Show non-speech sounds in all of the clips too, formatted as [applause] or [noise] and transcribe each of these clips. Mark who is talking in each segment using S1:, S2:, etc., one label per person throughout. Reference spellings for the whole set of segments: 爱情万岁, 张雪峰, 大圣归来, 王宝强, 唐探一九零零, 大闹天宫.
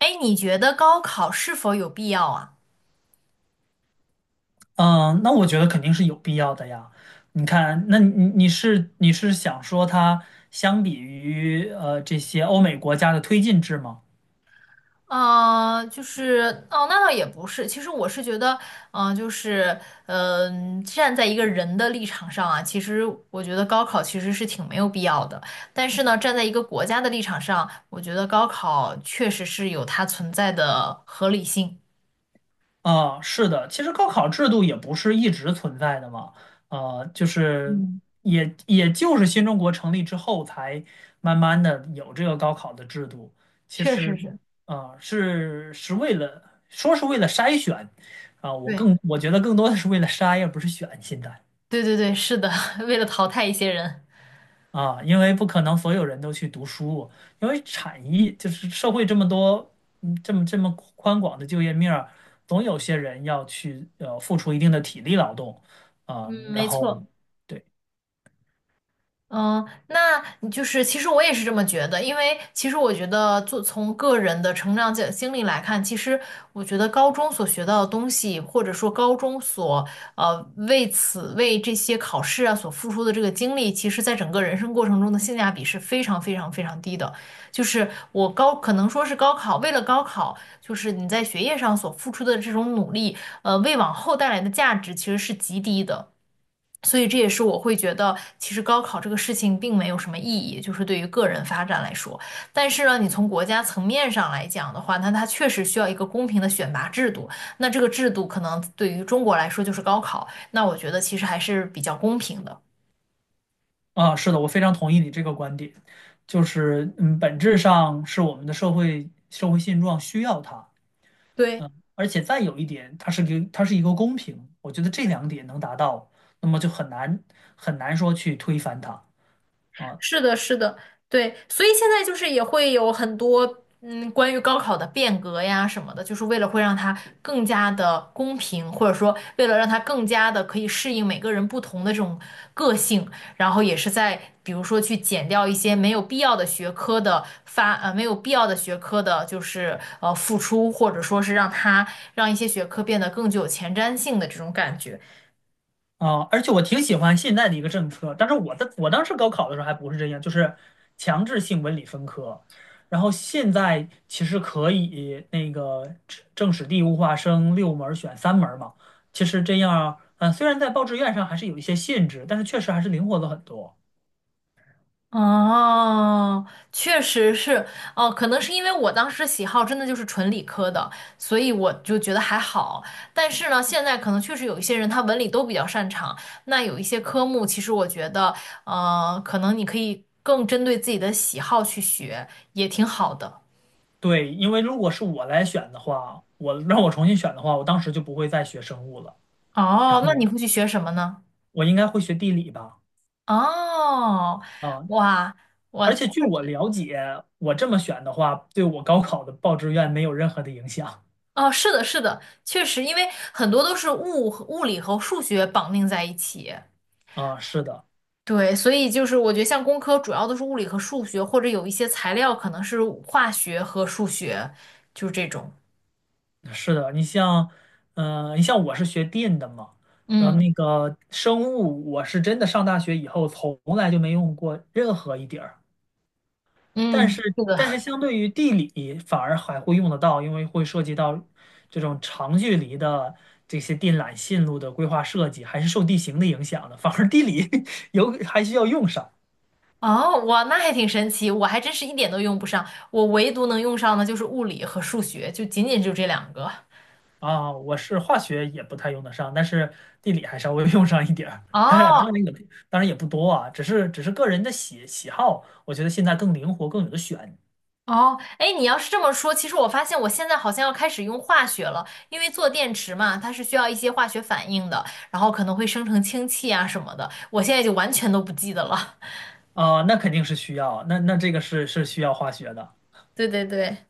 S1: 哎，你觉得高考是否有必要啊？
S2: 嗯，那我觉得肯定是有必要的呀。你看，那你是想说它相比于这些欧美国家的推进制吗？
S1: 那倒也不是。其实我是觉得，嗯、就是站在一个人的立场上啊，其实我觉得高考其实是挺没有必要的。但是呢，站在一个国家的立场上，我觉得高考确实是有它存在的合理性。
S2: 是的，其实高考制度也不是一直存在的嘛，呃，就是
S1: 嗯，
S2: 也就是新中国成立之后才慢慢的有这个高考的制度。其
S1: 确实
S2: 实，
S1: 是。
S2: 是为了说是为了筛选，我
S1: 对，
S2: 更我觉得更多的是为了筛，而不是选现在。
S1: 对对对，是的，[laughs] 为了淘汰一些人。
S2: 啊，因为不可能所有人都去读书，因为产业就是社会这么多，嗯，这么宽广的就业面儿，总有些人要去付出一定的体力劳动啊，
S1: 嗯，
S2: 然
S1: 没
S2: 后
S1: 错。
S2: 对
S1: 嗯，那你就是其实我也是这么觉得，因为其实我觉得做从个人的成长经历来看，其实我觉得高中所学到的东西，或者说高中所呃为此为这些考试啊所付出的这个精力，其实在整个人生过程中的性价比是非常非常非常低的。就是我高可能说是高考，为了高考，就是你在学业上所付出的这种努力，为往后带来的价值其实是极低的。所以这也是我会觉得，其实高考这个事情并没有什么意义，就是对于个人发展来说。但是呢，你从国家层面上来讲的话，那它确实需要一个公平的选拔制度。那这个制度可能对于中国来说就是高考，那我觉得其实还是比较公平的。
S2: 啊，是的，我非常同意你这个观点，就是嗯，本质上是我们的社会现状需要它，
S1: 对。
S2: 而且再有一点，它是一个公平，我觉得这两点能达到，那么就很难很难说去推翻它。啊。
S1: 是的，是的，对，所以现在就是也会有很多嗯，关于高考的变革呀什么的，就是为了会让它更加的公平，或者说为了让它更加的可以适应每个人不同的这种个性，然后也是在比如说去减掉一些没有必要的学科的没有必要的学科的，就是付出，或者说是让它让一些学科变得更具有前瞻性的这种感觉。
S2: 啊，而且我挺喜欢现在的一个政策，但是我当时高考的时候还不是这样，就是强制性文理分科，然后现在其实可以那个政史地物化生六门儿选三门儿嘛，其实这样，嗯，虽然在报志愿上还是有一些限制，但是确实还是灵活了很多。
S1: 哦，确实是，哦，可能是因为我当时喜好真的就是纯理科的，所以我就觉得还好。但是呢，现在可能确实有一些人他文理都比较擅长，那有一些科目，其实我觉得，可能你可以更针对自己的喜好去学，也挺好的。
S2: 对，因为如果是我来选的话，我让我重新选的话，我当时就不会再学生物了，然
S1: 哦，那你
S2: 后
S1: 会去学什么呢？
S2: 我应该会学地理吧。
S1: 哦，
S2: 啊，
S1: 哇，
S2: 而且据我了解，我这么选的话，对我高考的报志愿没有任何的影响。
S1: 哦，是的，是的，确实，因为很多都是物理和数学绑定在一起。
S2: 啊。是的，
S1: 对，所以就是我觉得像工科主要都是物理和数学，或者有一些材料可能是化学和数学，就是这种。
S2: 是的，你像，你像我是学电的嘛，然后
S1: 嗯
S2: 那个生物，我是真的上大学以后从来就没用过任何一点儿。
S1: 嗯，
S2: 但是，
S1: 是的。
S2: 但是相对于地理，反而还会用得到，因为会涉及到这种长距离的这些电缆线路的规划设计，还是受地形的影响的。反而地理 [laughs] 有还需要用上。
S1: 哦，哇，那还挺神奇，我还真是一点都用不上，我唯独能用上的就是物理和数学，就仅仅就这两个。
S2: 啊，我是化学也不太用得上，但是地理还稍微 [laughs] 用上一点儿。当然，当
S1: 哦
S2: 然也当然也不多啊，只是只是个人的喜好，我觉得现在更灵活，更有的选。
S1: 哦，哎，你要是这么说，其实我发现我现在好像要开始用化学了，因为做电池嘛，它是需要一些化学反应的，然后可能会生成氢气啊什么的，我现在就完全都不记得了。[laughs]
S2: 啊，那肯定是需要，那这个是需要化学的。
S1: 对对对。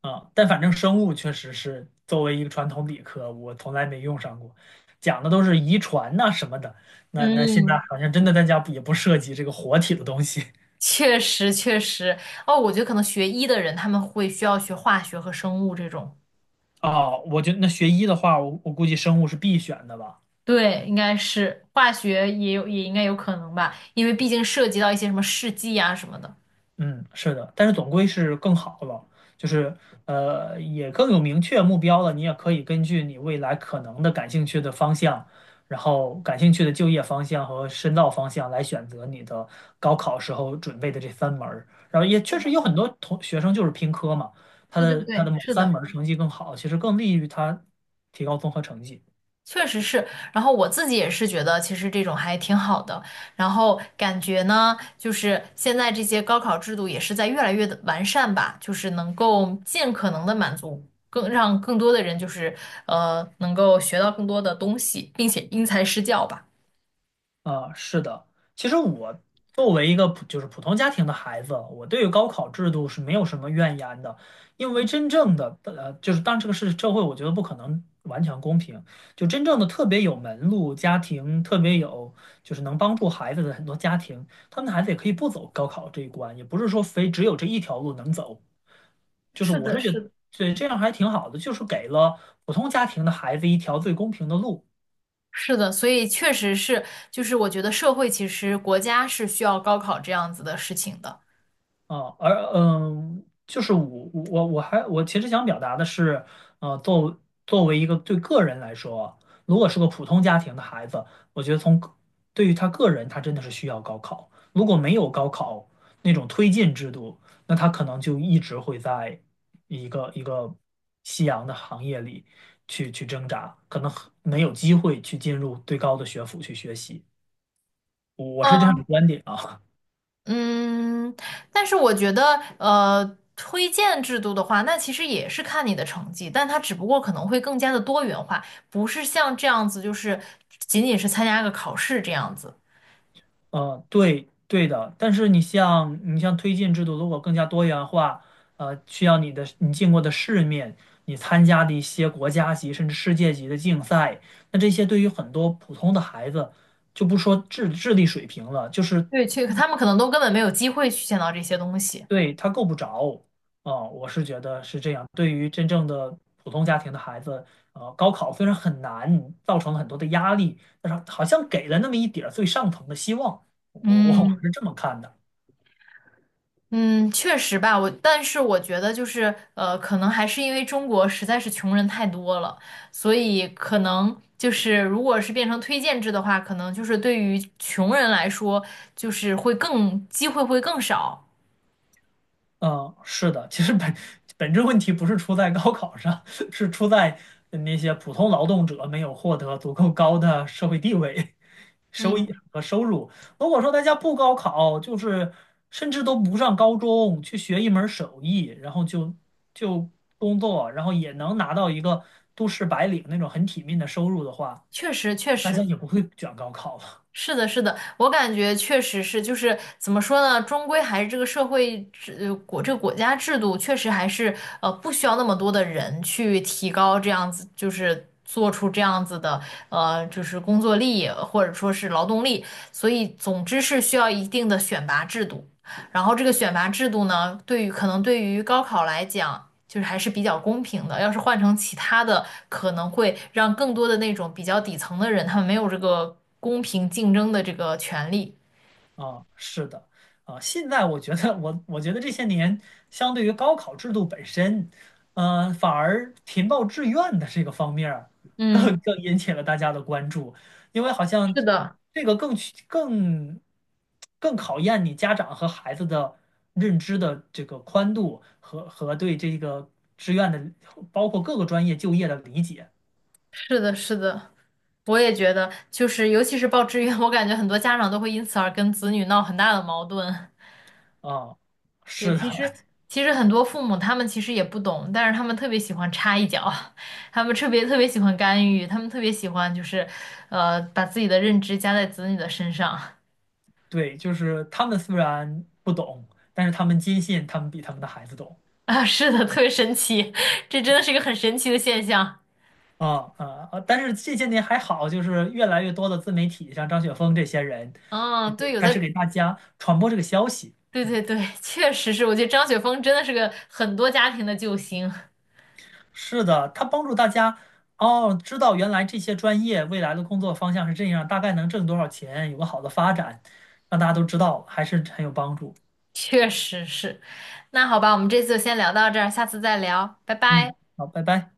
S2: 啊，但反正生物确实是作为一个传统理科，我从来没用上过，讲的都是遗传呐、什么的，那现在
S1: 嗯，
S2: 好像真的大家不也不涉及这个活体的东西。[laughs]
S1: 确实确实，哦，我觉得可能学医的人他们会需要学化学和生物这种，
S2: 啊，我觉得那学医的话，我估计生物是必选的吧。
S1: 对，应该是化学也有也应该有可能吧，因为毕竟涉及到一些什么试剂啊什么的。
S2: 嗯，是的，但是总归是更好了，就是也更有明确目标了。你也可以根据你未来可能的感兴趣的方向，然后感兴趣的就业方向和深造方向来选择你的高考时候准备的这三门儿，然后也
S1: 是
S2: 确实
S1: 的，
S2: 有很多同学生就是拼科嘛，他
S1: 对对
S2: 的他
S1: 对，
S2: 的某
S1: 是
S2: 三
S1: 的。
S2: 门儿成绩更好，其实更利于他提高综合成绩。
S1: 确实是，然后我自己也是觉得，其实这种还挺好的。然后感觉呢，就是现在这些高考制度也是在越来越的完善吧，就是能够尽可能的满足更让更多的人，就是能够学到更多的东西，并且因材施教吧。
S2: 啊，是的，其实我作为一个普就是普通家庭的孩子，我对于高考制度是没有什么怨言的，因为真正的就是当然这个是社会，我觉得不可能完全公平，就真正的特别有门路家庭，特别有就是能帮助孩子的很多家庭，他们的孩子也可以不走高考这一关，也不是说非只有这一条路能走，就是
S1: 是
S2: 我
S1: 的，
S2: 是觉
S1: 是的，
S2: 得以这样还挺好的，就是给了普通家庭的孩子一条最公平的路。
S1: 是的，所以确实是，就是我觉得社会其实国家是需要高考这样子的事情的。
S2: 啊，而嗯，就是我其实想表达的是，呃，作作为一个对个人来说，如果是个普通家庭的孩子，我觉得从个对于他个人，他真的是需要高考。如果没有高考那种推进制度，那他可能就一直会在一个夕阳的行业里去挣扎，可能很没有机会去进入最高的学府去学习。我是这样
S1: 嗯
S2: 的观点啊。
S1: 嗯，但是我觉得，推荐制度的话，那其实也是看你的成绩，但它只不过可能会更加的多元化，不是像这样子，就是仅仅是参加个考试这样子。
S2: 呃，对对的，但是你像推荐制度，如果更加多元化，呃，需要你见过的世面，你参加的一些国家级甚至世界级的竞赛，那这些对于很多普通的孩子，就不说智力水平了，就是
S1: 对，去，他们可能都根本没有机会去见到这些东西。
S2: 对他够不着。啊，我是觉得是这样。对于真正的普通家庭的孩子，呃，高考虽然很难，造成了很多的压力，但是好像给了那么一点儿最上层的希望，我
S1: 嗯。
S2: 是这么看的。
S1: 嗯，确实吧，我但是我觉得就是可能还是因为中国实在是穷人太多了，所以可能就是如果是变成推荐制的话，可能就是对于穷人来说，就是会更机会会更少。
S2: 嗯，是的，其实本质问题不是出在高考上，[laughs] 是出在那些普通劳动者没有获得足够高的社会地位、收益
S1: 嗯，
S2: 和收入。如果说大家不高考，就是甚至都不上高中，去学一门儿手艺，然后就工作，然后也能拿到一个都市白领那种很体面的收入的话，
S1: 确实确
S2: 大家
S1: 实，
S2: 也不会卷高考了。
S1: 是的，是的，我感觉确实是，就是怎么说呢，终归还是这个社会制，这个国家制度确实还是不需要那么多的人去提高这样子，就是做出这样子的就是工作力或者说是劳动力，所以总之是需要一定的选拔制度。然后这个选拔制度呢，对于可能对于高考来讲，就是还是比较公平的。要是换成其他的，可能会让更多的那种比较底层的人，他们没有这个公平竞争的这个权利。
S2: 啊，是的，啊，现在我觉得我觉得这些年，相对于高考制度本身，呃，反而填报志愿的这个方面儿
S1: 嗯，
S2: 更引起了大家的关注，因为好像
S1: 是的，
S2: 这个更去更更考验你家长和孩子的认知的这个宽度和对这个志愿的，包括各个专业就业的理解。
S1: 是的，是的，我也觉得，就是尤其是报志愿，我感觉很多家长都会因此而跟子女闹很大的矛盾。
S2: 啊，
S1: 对，
S2: 是的，
S1: 其实很多父母他们其实也不懂，但是他们特别喜欢插一脚，[laughs] 他们特别特别喜欢干预，他们特别喜欢就是，把自己的认知加在子女的身上
S2: 对，就是他们虽然不懂，但是他们坚信他们比他们的孩子懂。
S1: [laughs] 啊，是的，特别神奇，[laughs] 这真的是一个很神奇的现象。
S2: 啊啊啊！但是这些年还好，就是越来越多的自媒体，像张雪峰这些人，就
S1: 嗯，
S2: 是
S1: 对，有
S2: 开始
S1: 在，
S2: 给大家传播这个消息。
S1: 对
S2: 嗯，
S1: 对对，确实是，我觉得张雪峰真的是个很多家庭的救星，
S2: 是的，他帮助大家哦，知道原来这些专业未来的工作方向是这样，大概能挣多少钱，有个好的发展，让大家都知道了还是很有帮助。
S1: 确实是。那好吧，我们这次就先聊到这儿，下次再聊，拜
S2: 嗯，
S1: 拜。
S2: 好，拜拜。